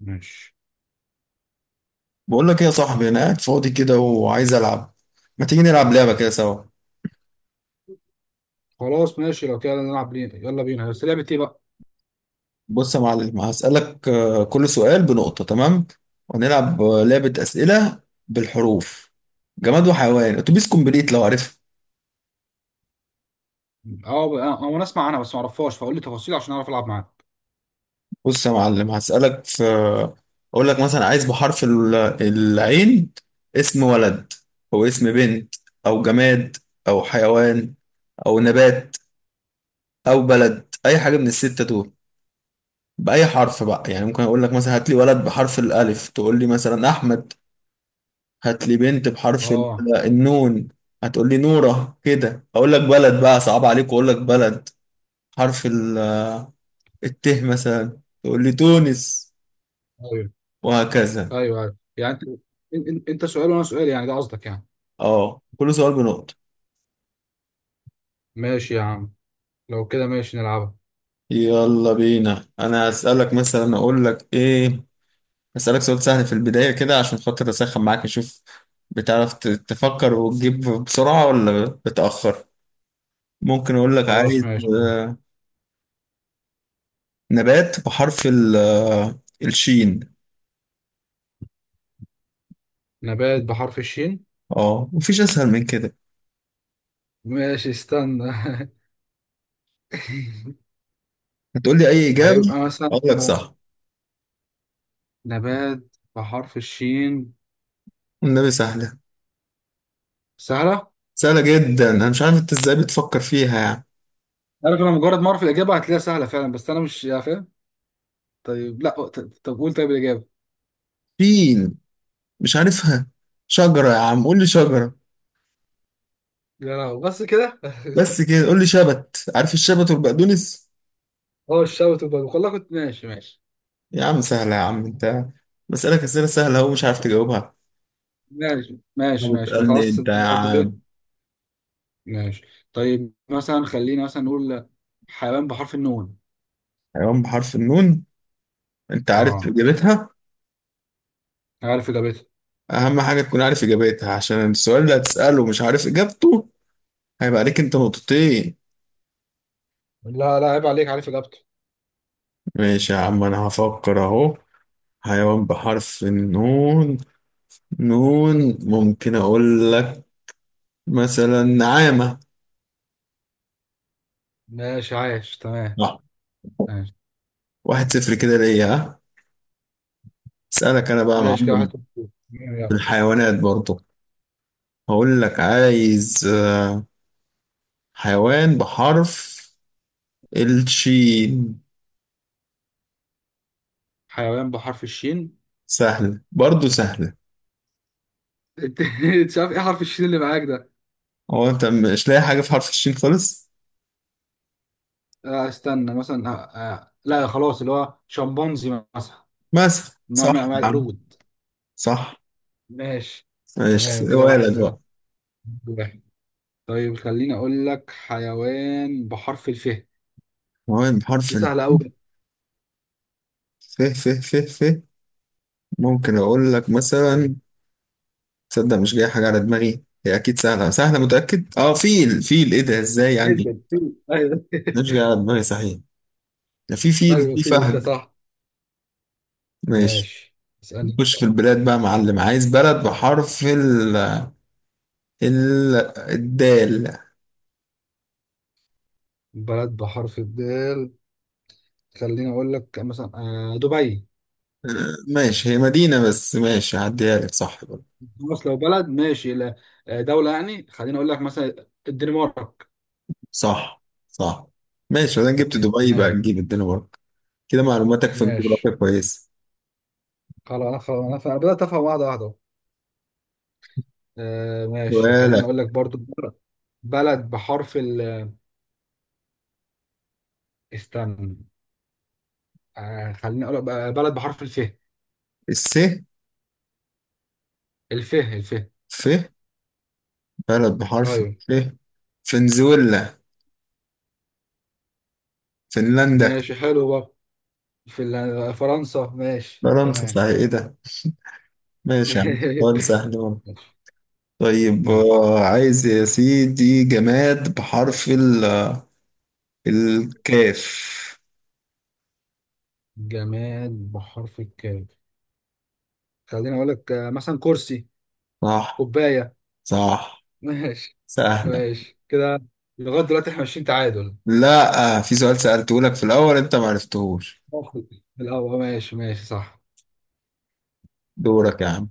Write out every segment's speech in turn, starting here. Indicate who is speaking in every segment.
Speaker 1: ماشي.
Speaker 2: بقول لك ايه يا صاحبي؟ انا قاعد فاضي كده وعايز العب. ما تيجي نلعب لعبه كده سوا؟
Speaker 1: خلاص ماشي، لو كده نلعب، بينا يلا بينا، بس لعبة ايه بقى؟
Speaker 2: بص يا معلم، هسالك. كل سؤال بنقطه، تمام؟ وهنلعب لعبه اسئله بالحروف. جماد وحيوان اتوبيس كومبليت، لو عارفها.
Speaker 1: انا اسمع عنها بس ما اعرفهاش، فقول لي تفاصيل عشان اعرف العب معاك.
Speaker 2: بص يا معلم، هسالك في. اقول لك مثلا عايز بحرف العين اسم ولد، او اسم بنت، او جماد، او حيوان، او نبات، او بلد، اي حاجه من السته دول، بأي حرف بقى. يعني ممكن أقول لك مثلا هات لي ولد بحرف الألف، تقول لي مثلا أحمد. هات لي بنت بحرف
Speaker 1: اه،
Speaker 2: النون، هتقول لي نورة. كده أقول لك بلد بقى صعب عليك، وأقول لك بلد حرف الت مثلا، تقول لي تونس،
Speaker 1: ايوه
Speaker 2: وهكذا.
Speaker 1: ايوه ايوه، يعني انت انت سؤال وانا سؤال، يعني ده قصدك يعني؟
Speaker 2: أه، كل سؤال بنقطة.
Speaker 1: ماشي يا عم، لو كده ماشي نلعبها.
Speaker 2: يلا بينا. أنا أسألك مثلا، أقول لك إيه؟ أسألك سؤال سهل في البداية كده، عشان خاطر أسخن معاك، أشوف بتعرف تفكر وتجيب بسرعة ولا بتأخر. ممكن أقول لك
Speaker 1: خلاص
Speaker 2: عايز
Speaker 1: ماشي،
Speaker 2: نبات بحرف الشين.
Speaker 1: نبات بحرف الشين.
Speaker 2: اه، مفيش اسهل من كده.
Speaker 1: ماشي استنى.
Speaker 2: هتقول لي اي اجابه
Speaker 1: هيبقى مثلا
Speaker 2: اقول لك صح.
Speaker 1: نبات بحرف الشين.
Speaker 2: النبي سهله.
Speaker 1: سهلة؟
Speaker 2: سهله جدا، انا مش عارف انت ازاي بتفكر فيها يعني.
Speaker 1: عارف، انا مجرد ما اعرف الاجابة هتلاقيها سهلة فعلا، بس انا مش يعني فاهم. طيب لا طب قول، طيب الاجابة.
Speaker 2: شين، مش عارفها. شجره يا عم، قول لي شجره.
Speaker 1: يا لهوي بس كده؟
Speaker 2: بس كده، قول لي شبت، عارف الشبت والبقدونس؟
Speaker 1: هو الشوت وبدو والله، كنت ماشي ماشي
Speaker 2: يا عم سهله، يا عم انت. بسألك اسئله سهله اهو، مش عارف تجاوبها.
Speaker 1: ماشي
Speaker 2: ما
Speaker 1: ماشي ماشي.
Speaker 2: بتسألني
Speaker 1: خلاص
Speaker 2: انت يا
Speaker 1: انت برضه
Speaker 2: عم.
Speaker 1: ايه؟ ماشي. طيب مثلا خلينا مثلا نقول حيوان بحرف النون.
Speaker 2: حيوان بحرف النون. انت عارف
Speaker 1: اه،
Speaker 2: اجابتها؟
Speaker 1: عارف اجابتها.
Speaker 2: اهم حاجه تكون عارف اجابتها، عشان السؤال اللي هتسأله مش عارف اجابته هيبقى عليك انت نقطتين.
Speaker 1: لا لا، عيب عليك، عارف اجابته.
Speaker 2: ماشي يا عم، انا هفكر اهو. حيوان بحرف النون. نون ممكن اقول لك مثلا نعامة.
Speaker 1: ماشي عايش تمام.
Speaker 2: صح.
Speaker 1: ماشي.
Speaker 2: 1-0 كده ليا، ها. اسألك انا بقى يا
Speaker 1: ماشي كده، واحد
Speaker 2: معلم.
Speaker 1: صفر.
Speaker 2: في
Speaker 1: يلا.
Speaker 2: الحيوانات برضه. هقول لك عايز حيوان بحرف الشين.
Speaker 1: حيوان بحرف الشين.
Speaker 2: سهل برضه، سهلة.
Speaker 1: انت مش عارف ايه حرف الشين اللي معاك ده؟
Speaker 2: هو انت مش لاقي حاجة في حرف الشين خالص؟
Speaker 1: استنى مثلا، لا خلاص، اللي هو شمبانزي مثلا،
Speaker 2: مثلا.
Speaker 1: نوع
Speaker 2: صح
Speaker 1: من انواع
Speaker 2: يا عم.
Speaker 1: القرود.
Speaker 2: صح.
Speaker 1: ماشي
Speaker 2: ماشي،
Speaker 1: تمام كده، واحد
Speaker 2: ولد بقى.
Speaker 1: واحد. طيب خليني اقول لك حيوان بحرف الف.
Speaker 2: حيوان
Speaker 1: دي
Speaker 2: بحرف
Speaker 1: سهله
Speaker 2: الشين.
Speaker 1: قوي
Speaker 2: فيه ممكن اقول لك مثلا. تصدق مش جاي حاجه على دماغي؟ هي اكيد سهله، سهله متاكد. اه، فيل، فيل! ايه ده، ازاي يعني؟
Speaker 1: جدا. في، ايوه.
Speaker 2: مش جاي على دماغي صحيح. ده في فيل،
Speaker 1: ايوه،
Speaker 2: في
Speaker 1: في
Speaker 2: فهد.
Speaker 1: صح.
Speaker 2: ماشي.
Speaker 1: ماشي. اسالني.
Speaker 2: نخش في البلاد بقى يا معلم، عايز بلد بحرف ال ال الدال.
Speaker 1: بلد بحرف الدال. خليني اقول لك مثلا دبي.
Speaker 2: ماشي، هي مدينه بس، ماشي هعديها لك. صح برضه.
Speaker 1: خلاص، لو بلد ماشي، لا، دوله يعني. خليني اقول لك مثلا الدنمارك.
Speaker 2: صح. صح. ماشي، انا جبت دبي بقى،
Speaker 1: ما-
Speaker 2: نجيب الدنيا برضه. كده معلوماتك في
Speaker 1: ماشي
Speaker 2: الجغرافيا كويسه.
Speaker 1: خلاص، انا خلاص انا بدات افهم واحده واحده أهو. ماشي، خليني
Speaker 2: ولا
Speaker 1: اقول لك برضو بلد بحرف ال، استنى، خليني اقول لك بقى بلد بحرف الف.
Speaker 2: الس
Speaker 1: الفه الفه.
Speaker 2: ف بلد بحرف
Speaker 1: ايوه.
Speaker 2: ف فنزويلا، فنلندا،
Speaker 1: ماشي حلو بقى. فرنسا، ماشي
Speaker 2: فرنسا.
Speaker 1: تمام.
Speaker 2: صحيح، ايه ده! ماشي يا عم، سؤال
Speaker 1: ماشي.
Speaker 2: سهل أهو. طيب،
Speaker 1: ماشي،
Speaker 2: عايز يا سيدي جماد بحرف الكاف.
Speaker 1: جماد بحرف الكاف. خليني اقول لك مثلا كرسي.
Speaker 2: صح.
Speaker 1: كوبايه.
Speaker 2: صح.
Speaker 1: ماشي.
Speaker 2: سهلة.
Speaker 1: ماشي كده، لغايه دلوقتي احنا ماشيين تعادل.
Speaker 2: لا، في سؤال سألته لك في الأول أنت معرفتهوش.
Speaker 1: باخد الاول، ماشي ماشي صح.
Speaker 2: دورك يا عم.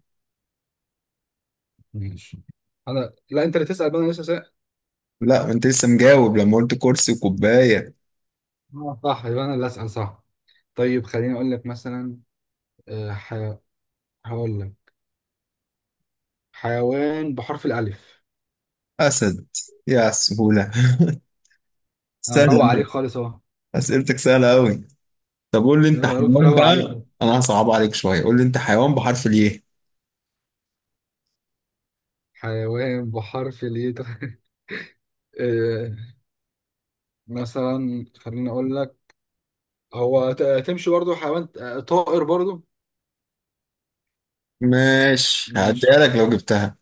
Speaker 1: ماشي. انا لا، انت اللي تسال بقى، انا لسه سأل.
Speaker 2: لا، ما أنت لسه مجاوب لما قلت كرسي وكوباية.
Speaker 1: صح، يبقى انا اللي اسال صح. طيب خليني اقول لك مثلا، آه، ح... هقول لك، حيوان بحرف الالف.
Speaker 2: أسد. يا على السهولة!
Speaker 1: انا
Speaker 2: سهلة
Speaker 1: مروق عليك
Speaker 2: أوي.
Speaker 1: خالص.
Speaker 2: أسئلتك سهلة أوي. طب قول لي انت
Speaker 1: أنا قلت
Speaker 2: حيوان
Speaker 1: مروق
Speaker 2: بقى،
Speaker 1: عليكم.
Speaker 2: انا هصعب عليك شويه. قول لي انت حيوان بحرف الايه؟
Speaker 1: حيوان بحرف الياء. آه، مثلا خليني اقول لك، هو تمشي برضو حيوان، طائر برضو.
Speaker 2: ماشي هعديها
Speaker 1: مش،
Speaker 2: لك لو جبتها.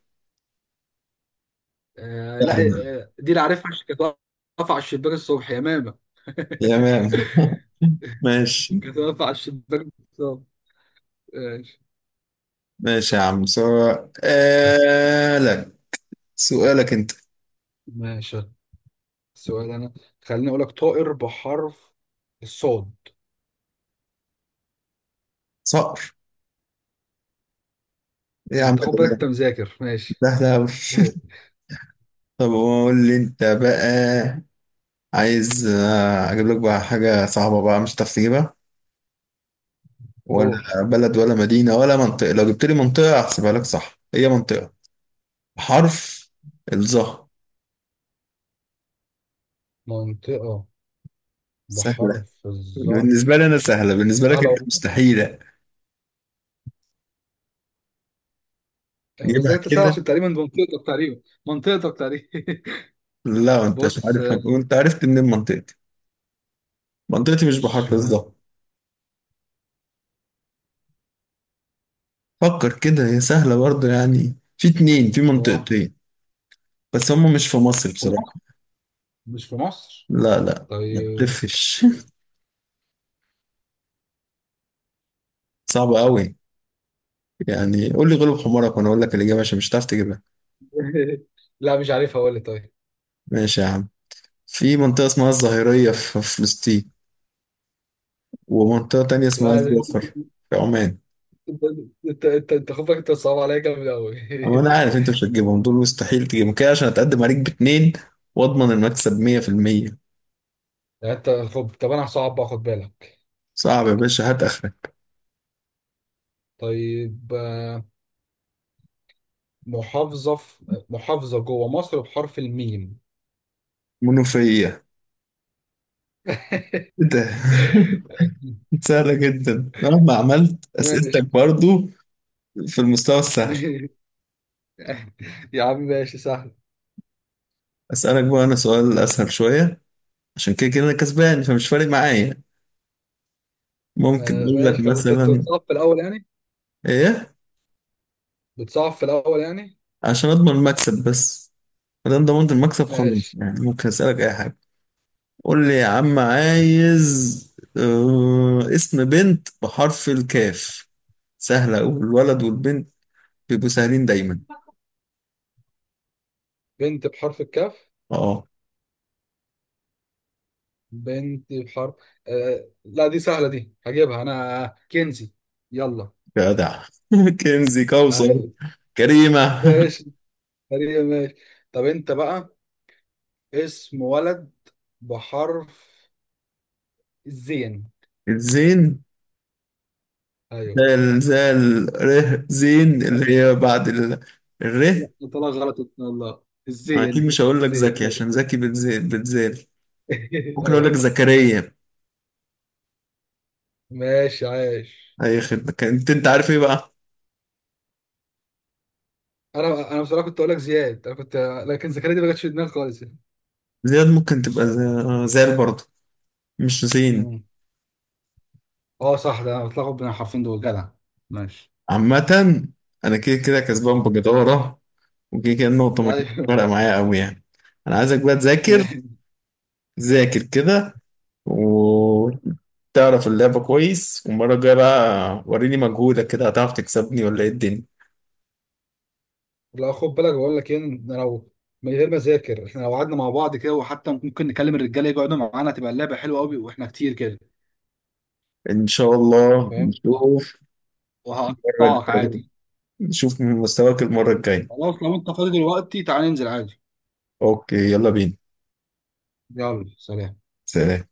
Speaker 1: لا،
Speaker 2: سهلة.
Speaker 1: دي اللي عارفها عشان كانت واقفة على الشباك الصبح يا ماما.
Speaker 2: يا مام! ماشي.
Speaker 1: كانت واقفة على الشباك الصبح. ماشي.
Speaker 2: ماشي يا عم
Speaker 1: أس-
Speaker 2: سؤالك. سؤالك انت.
Speaker 1: ماشي. السؤال انا، خليني اقول لك طائر بحرف الصاد.
Speaker 2: صقر. إيه يا عم
Speaker 1: انت خد بالك،
Speaker 2: ده!
Speaker 1: انت مذاكر ماشي.
Speaker 2: ده ده أوي. طب قول لي انت بقى. عايز اجيب لك بقى حاجه صعبه بقى مش هتعرف تجيبها، ولا
Speaker 1: اوه.
Speaker 2: بلد، ولا مدينه، ولا منطقه. لو جبت لي منطقه هحسبها لك صح، هي منطقه. حرف الظهر.
Speaker 1: منطقة
Speaker 2: سهل
Speaker 1: بحرف الظا.
Speaker 2: بالنسبة لي أنا، سهلة. بالنسبة لك
Speaker 1: تعالى
Speaker 2: أنت مستحيلة
Speaker 1: بس ده
Speaker 2: تجيبها
Speaker 1: انت سهل
Speaker 2: كده.
Speaker 1: عشان تقريبا ده منطقتك تقريبا، منطقتك تقريبا.
Speaker 2: لا، أنت مش
Speaker 1: بص
Speaker 2: عارف. وأنت عرفت منين منطقتي؟ منطقتي مش بحر
Speaker 1: مش،
Speaker 2: بالظبط. فكر كده، هي سهلة برضه يعني. في اتنين، في
Speaker 1: صح
Speaker 2: منطقتين. بس هم مش في مصر
Speaker 1: في
Speaker 2: بصراحة.
Speaker 1: مصر، مش في مصر.
Speaker 2: لا لا، ما
Speaker 1: طيب.
Speaker 2: تلفش. صعبة أوي. يعني قول لي غلب حمارك، وأنا أقول لك الإجابة عشان مش هتعرف تجيبها.
Speaker 1: لا مش عارف، اقول لك طيب.
Speaker 2: ماشي يا عم. في منطقة اسمها الظهيرية في فلسطين، ومنطقة تانية اسمها
Speaker 1: لا ده،
Speaker 2: الظفر في عمان.
Speaker 1: انت انت خد بالك، انت صعب عليا جامد قوي.
Speaker 2: وانا عارف انت مش هتجيبهم دول، مستحيل تجيبهم كده، عشان اتقدم عليك باتنين واضمن المكسب 100%.
Speaker 1: يعني انت خب، طب انا هصعب بقى خد بالك.
Speaker 2: صعب يا باشا؟ هات اخرك.
Speaker 1: طيب محافظة، في محافظة جوه مصر بحرف الميم.
Speaker 2: منوفية. ايه ده! سهلة جدا، مهما عملت
Speaker 1: ماشي.
Speaker 2: اسئلتك برضو في المستوى السهل.
Speaker 1: يا عم ماشي سهل.
Speaker 2: اسألك بقى انا سؤال اسهل شوية، عشان كده كده انا كسبان فمش فارق معايا. ممكن اقول لك
Speaker 1: ماشي خلاص، انت
Speaker 2: مثلا
Speaker 1: بتصعب في الاول يعني،
Speaker 2: ايه؟
Speaker 1: بتصعب في الأول يعني.
Speaker 2: عشان اضمن المكسب بس. ما دام ضمنت المكسب خلاص
Speaker 1: ماشي.
Speaker 2: يعني، ممكن اسألك اي حاجة. قول لي يا عم، عايز اسم بنت بحرف الكاف. سهلة، والولد والبنت بيبقوا سهلين دايما.
Speaker 1: بنت بحرف الكاف.
Speaker 2: اه.
Speaker 1: بنت بحرف لا، دي سهلة، دي هجيبها أنا، كنزي. يلا.
Speaker 2: جدع. كنزي، كوثر،
Speaker 1: يعني.
Speaker 2: كريمة.
Speaker 1: ماشي، تقريبا ماشي. طب أنت بقى، اسم ولد بحرف الزين.
Speaker 2: الزين!
Speaker 1: أيوه،
Speaker 2: زال، زال. ره، زين اللي هي بعد الره.
Speaker 1: طلع غلط إن شاء الله.
Speaker 2: أنا أكيد
Speaker 1: الزين
Speaker 2: مش هقول لك
Speaker 1: الزين.
Speaker 2: زكي، عشان زكي بتزال، بتزال. ممكن أقول لك
Speaker 1: أيوه.
Speaker 2: زكريا.
Speaker 1: ماشي عايش.
Speaker 2: أي خدمة. كنت أنت عارف إيه بقى؟
Speaker 1: أنا بصراحة كنت أقول لك زياد، أنا كنت. لكن زكريا دي ما جاتش في دماغي خالص.
Speaker 2: زياد ممكن تبقى زال برضه، مش زين.
Speaker 1: يعني. اه صح، ده انا بتلخبط بين الحرفين دول. جدع. ماشي.
Speaker 2: عامة، أنا كده كده كسبان بجدارة، وكده كده النقطة ما
Speaker 1: ده
Speaker 2: كانتش
Speaker 1: أيوه.
Speaker 2: فارقة معايا أوي يعني. أنا عايزك بقى تذاكر. ذاكر كده وتعرف اللعبة كويس، والمرة الجاية بقى وريني مجهودك، كده هتعرف تكسبني ولا إيه الدنيا.
Speaker 1: لا خد بالك، بقول لك ايه، إن لو من غير ما اذاكر، احنا لو قعدنا مع بعض كده، وحتى ممكن نكلم الرجاله يقعدوا معانا، تبقى اللعبه حلوه قوي واحنا كتير كده،
Speaker 2: إن شاء الله
Speaker 1: فاهم؟
Speaker 2: نشوف. المرة
Speaker 1: وهقطعك
Speaker 2: الجاية
Speaker 1: عادي.
Speaker 2: نشوف من مستواك. المرة الجاية.
Speaker 1: خلاص لو انت فاضي دلوقتي، تعالى ننزل عادي.
Speaker 2: أوكي، يلا بينا.
Speaker 1: يلا سلام.
Speaker 2: سلام.